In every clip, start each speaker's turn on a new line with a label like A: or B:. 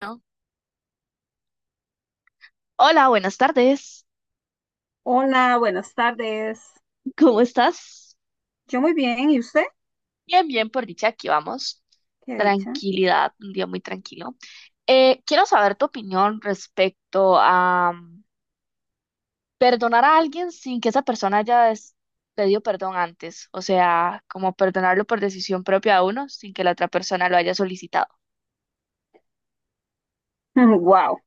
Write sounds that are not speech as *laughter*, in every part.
A: Bueno, hola, buenas tardes.
B: Hola, buenas tardes.
A: *laughs* ¿Cómo estás?
B: Yo muy bien, ¿y usted?
A: Bien, bien, por dicha, aquí vamos.
B: Qué dicha.
A: Tranquilidad, un día muy tranquilo. Quiero saber tu opinión respecto a perdonar a alguien sin que esa persona haya pedido perdón antes. O sea, como perdonarlo por decisión propia a uno sin que la otra persona lo haya solicitado.
B: *laughs* Wow,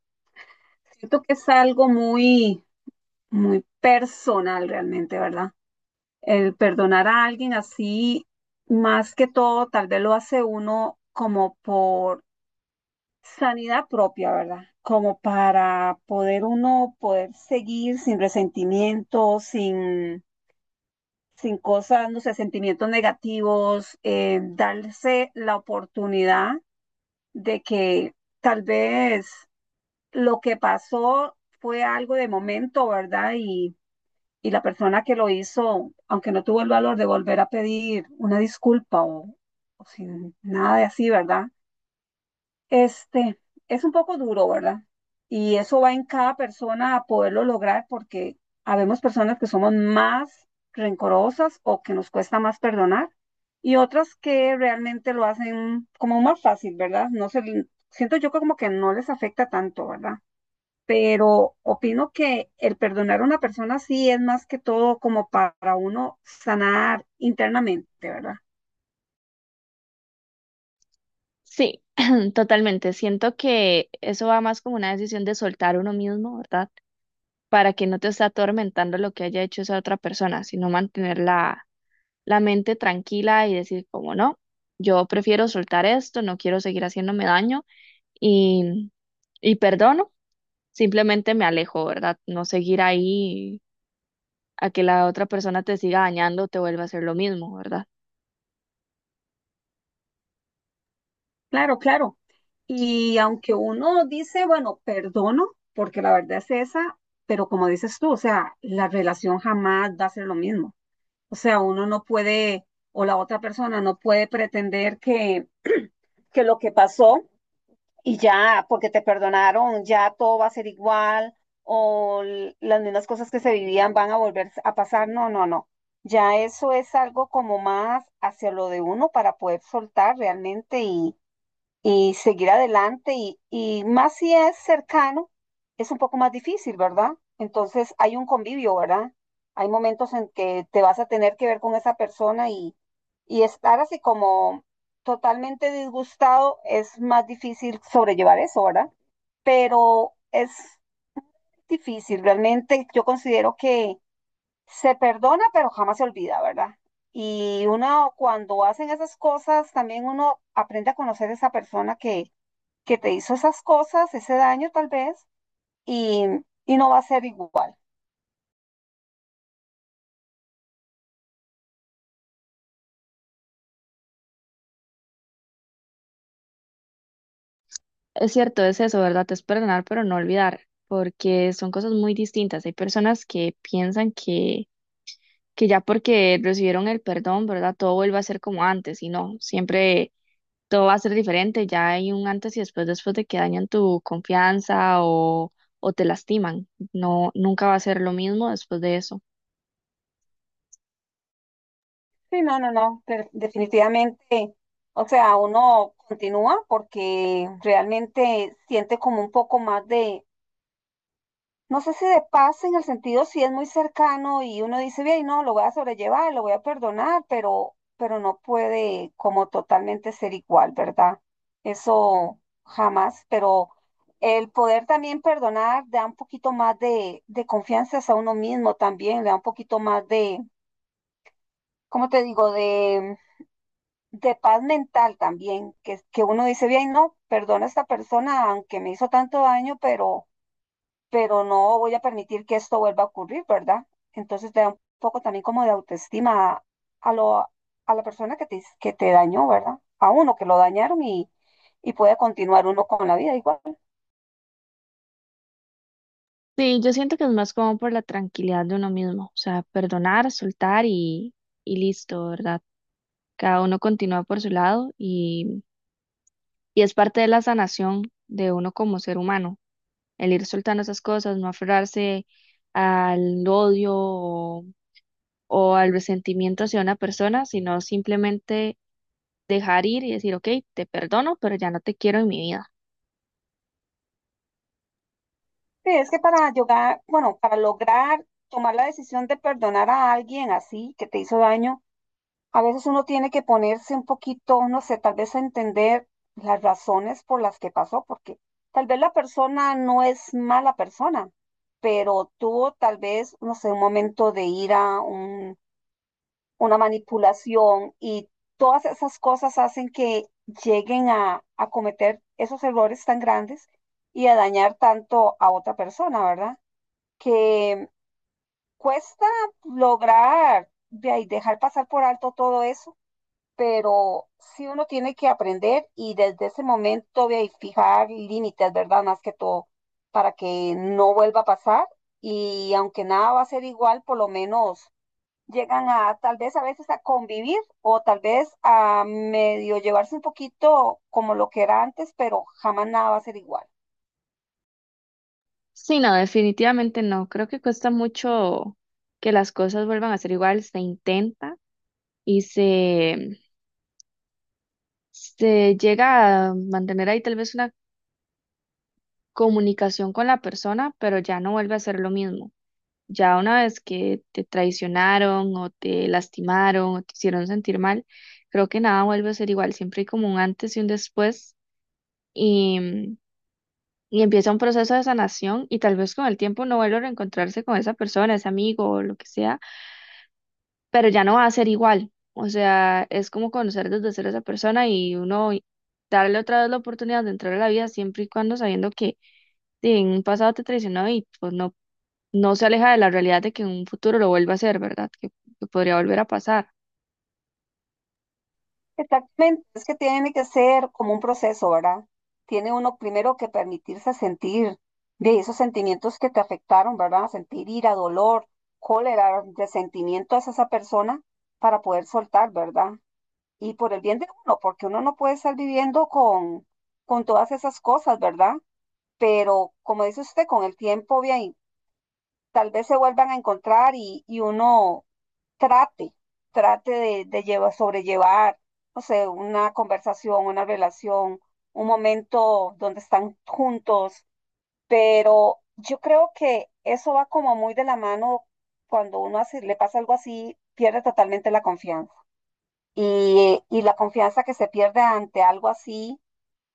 B: siento que es algo muy, muy personal realmente, ¿verdad? El perdonar a alguien así, más que todo, tal vez lo hace uno como por sanidad propia, ¿verdad? Como para poder uno poder seguir sin resentimiento, sin cosas, no sé, sentimientos negativos, darse la oportunidad de que tal vez lo que pasó fue algo de momento, ¿verdad? Y la persona que lo hizo, aunque no tuvo el valor de volver a pedir una disculpa o sin nada de así, ¿verdad? Este, es un poco duro, ¿verdad? Y eso va en cada persona a poderlo lograr porque habemos personas que somos más rencorosas o que nos cuesta más perdonar y otras que realmente lo hacen como más fácil, ¿verdad? No se, siento yo que como que no les afecta tanto, ¿verdad? Pero opino que el perdonar a una persona sí es más que todo como para uno sanar internamente, ¿verdad?
A: Sí, *clears throat* totalmente. Siento que eso va más como una decisión de soltar uno mismo, ¿verdad? Para que no te esté atormentando lo que haya hecho esa otra persona, sino mantener la mente tranquila y decir, como no, yo prefiero soltar esto, no quiero seguir haciéndome daño y, y perdono, simplemente me alejo, ¿verdad? No seguir ahí a que la otra persona te siga dañando, te vuelva a hacer lo mismo, ¿verdad?
B: Claro, claro. Y aunque uno dice, bueno, perdono, porque la verdad es esa, pero como dices tú, o sea, la relación jamás va a ser lo mismo. O sea, uno no puede, o la otra persona no puede pretender que lo que pasó y ya, porque te perdonaron, ya todo va a ser igual, o las mismas cosas que se vivían van a volver a pasar. No, no, no. Ya eso es algo como más hacia lo de uno para poder soltar realmente y seguir adelante y más si es cercano, es un poco más difícil, ¿verdad? Entonces hay un convivio, ¿verdad? Hay momentos en que te vas a tener que ver con esa persona y estar así como totalmente disgustado es más difícil sobrellevar eso, ¿verdad? Pero es difícil, realmente yo considero que se perdona, pero jamás se olvida, ¿verdad? Y uno cuando hacen esas cosas, también uno aprende a conocer a esa persona que te hizo esas cosas, ese daño tal vez, y, y no va a ser igual.
A: Es cierto, es eso, ¿verdad? Es perdonar, pero no olvidar, porque son cosas muy distintas. Hay personas que piensan que ya porque recibieron el perdón, ¿verdad? Todo vuelve a ser como antes y no, siempre todo va a ser diferente, ya hay un antes y después, después de que dañan tu confianza o te lastiman, no, nunca va a ser lo mismo después de eso.
B: Sí, no, no, no, pero definitivamente, o sea, uno continúa porque realmente siente como un poco más de, no sé si de paz en el sentido si es muy cercano y uno dice, bien, no, lo voy a sobrellevar, lo voy a perdonar, pero no puede como totalmente ser igual, ¿verdad? Eso jamás, pero el poder también perdonar da un poquito más de confianza a uno mismo también, le da un poquito más de, ¿cómo te digo? De paz mental también, que uno dice, bien, no, perdono a esta persona aunque me hizo tanto daño, pero no voy a permitir que esto vuelva a ocurrir, ¿verdad? Entonces te da un poco también como de autoestima a lo, a la persona que te dañó, ¿verdad? A uno que lo dañaron y puede continuar uno con la vida igual.
A: Sí, yo siento que es más como por la tranquilidad de uno mismo, o sea, perdonar, soltar y listo, ¿verdad? Cada uno continúa por su lado y es parte de la sanación de uno como ser humano. El ir soltando esas cosas, no aferrarse al odio o al resentimiento hacia una persona, sino simplemente dejar ir y decir, ok, te perdono, pero ya no te quiero en mi vida.
B: Sí, es que para llegar, bueno, para lograr tomar la decisión de perdonar a alguien así que te hizo daño, a veces uno tiene que ponerse un poquito, no sé, tal vez a entender las razones por las que pasó, porque tal vez la persona no es mala persona, pero tuvo tal vez, no sé, un momento de ira, una manipulación y todas esas cosas hacen que lleguen a cometer esos errores tan grandes y a dañar tanto a otra persona, ¿verdad? Que cuesta lograr de ahí, dejar pasar por alto todo eso, pero sí uno tiene que aprender y desde ese momento ve, y fijar límites, ¿verdad? Más que todo, para que no vuelva a pasar y aunque nada va a ser igual, por lo menos llegan a tal vez a veces a convivir o tal vez a medio llevarse un poquito como lo que era antes, pero jamás nada va a ser igual.
A: Sí, no, definitivamente no. Creo que cuesta mucho que las cosas vuelvan a ser igual, se intenta y se llega a mantener ahí tal vez una comunicación con la persona, pero ya no vuelve a ser lo mismo. Ya una vez que te traicionaron o te lastimaron o te hicieron sentir mal, creo que nada vuelve a ser igual. Siempre hay como un antes y un después y, y empieza un proceso de sanación y tal vez con el tiempo no vuelva a reencontrarse con esa persona, ese amigo o lo que sea, pero ya no va a ser igual. O sea, es como conocer desde cero a esa persona y uno darle otra vez la oportunidad de entrar a la vida siempre y cuando sabiendo que si en un pasado te traicionó y pues no se aleja de la realidad de que en un futuro lo vuelva a hacer, ¿verdad? Que podría volver a pasar.
B: Exactamente, es que tiene que ser como un proceso, ¿verdad? Tiene uno primero que permitirse sentir de esos sentimientos que te afectaron, ¿verdad? Sentir ira, dolor, cólera, resentimiento hacia esa persona para poder soltar, ¿verdad? Y por el bien de uno, porque uno no puede estar viviendo con todas esas cosas, ¿verdad? Pero como dice usted, con el tiempo, bien, tal vez se vuelvan a encontrar y uno trate, trate de llevar, sobrellevar, no sé, una conversación, una relación, un momento donde están juntos, pero yo creo que eso va como muy de la mano cuando uno le pasa algo así, pierde totalmente la confianza. Y la confianza que se pierde ante algo así,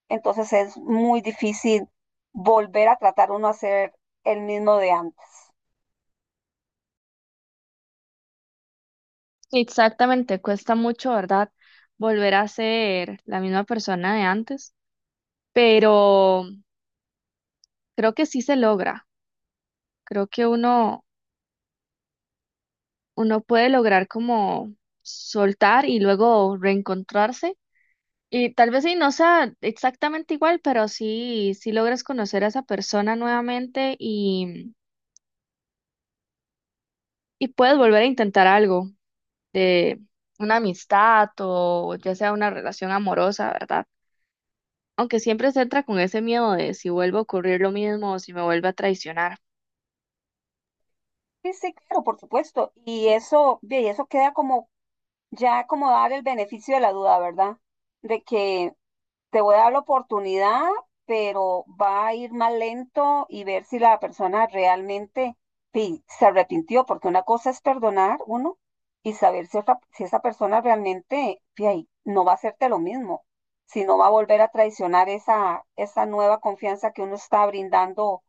B: entonces es muy difícil volver a tratar uno a ser el mismo de antes.
A: Sí, exactamente, cuesta mucho, ¿verdad? Volver a ser la misma persona de antes, pero creo que sí se logra. Creo que uno puede lograr como soltar y luego reencontrarse. Y tal vez sí no sea exactamente igual, pero sí, sí logras conocer a esa persona nuevamente y puedes volver a intentar algo de una amistad o ya sea una relación amorosa, ¿verdad? Aunque siempre se entra con ese miedo de si vuelve a ocurrir lo mismo o si me vuelve a traicionar.
B: Sí, sí, claro, por supuesto. Y eso, ve, y eso queda como ya como dar el beneficio de la duda, ¿verdad? De que te voy a dar la oportunidad, pero va a ir más lento y ver si la persona realmente sí, se arrepintió, porque una cosa es perdonar uno y saber si, si esa persona realmente sí, ahí, no va a hacerte lo mismo, si no va a volver a traicionar esa nueva confianza que uno está brindando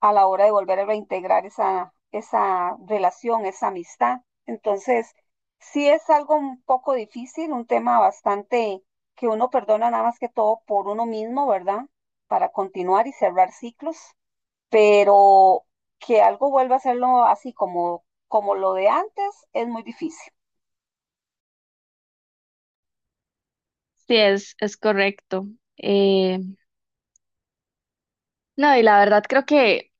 B: a la hora de volver a reintegrar esa relación, esa amistad. Entonces, sí es algo un poco difícil, un tema bastante que uno perdona nada más que todo por uno mismo, ¿verdad? Para continuar y cerrar ciclos, pero que algo vuelva a hacerlo así como, como lo de antes es muy difícil.
A: Sí, es correcto. Eh, no, y la verdad creo que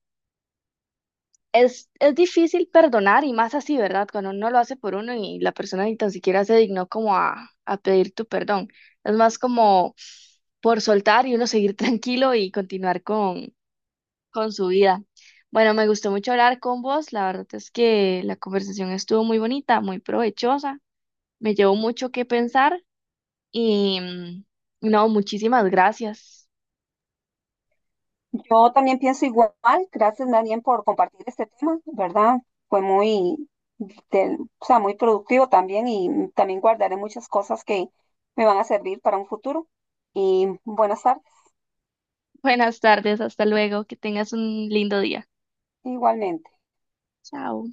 A: es difícil perdonar y más así, ¿verdad? Cuando uno lo hace por uno y la persona ni tan siquiera se dignó como a pedir tu perdón. Es más como por soltar y uno seguir *laughs* tranquilo y continuar con su vida. Bueno, me gustó mucho hablar con vos. La verdad es que la conversación estuvo muy bonita, muy provechosa. Me llevó mucho que pensar y no, muchísimas gracias.
B: Yo también pienso igual. Gracias, Daniel, por compartir este tema, ¿verdad? Fue muy, o sea, muy productivo también y también guardaré muchas cosas que me van a servir para un futuro. Y buenas tardes,
A: *laughs* Buenas tardes, hasta luego. Que tengas un lindo día.
B: igualmente.
A: Chao.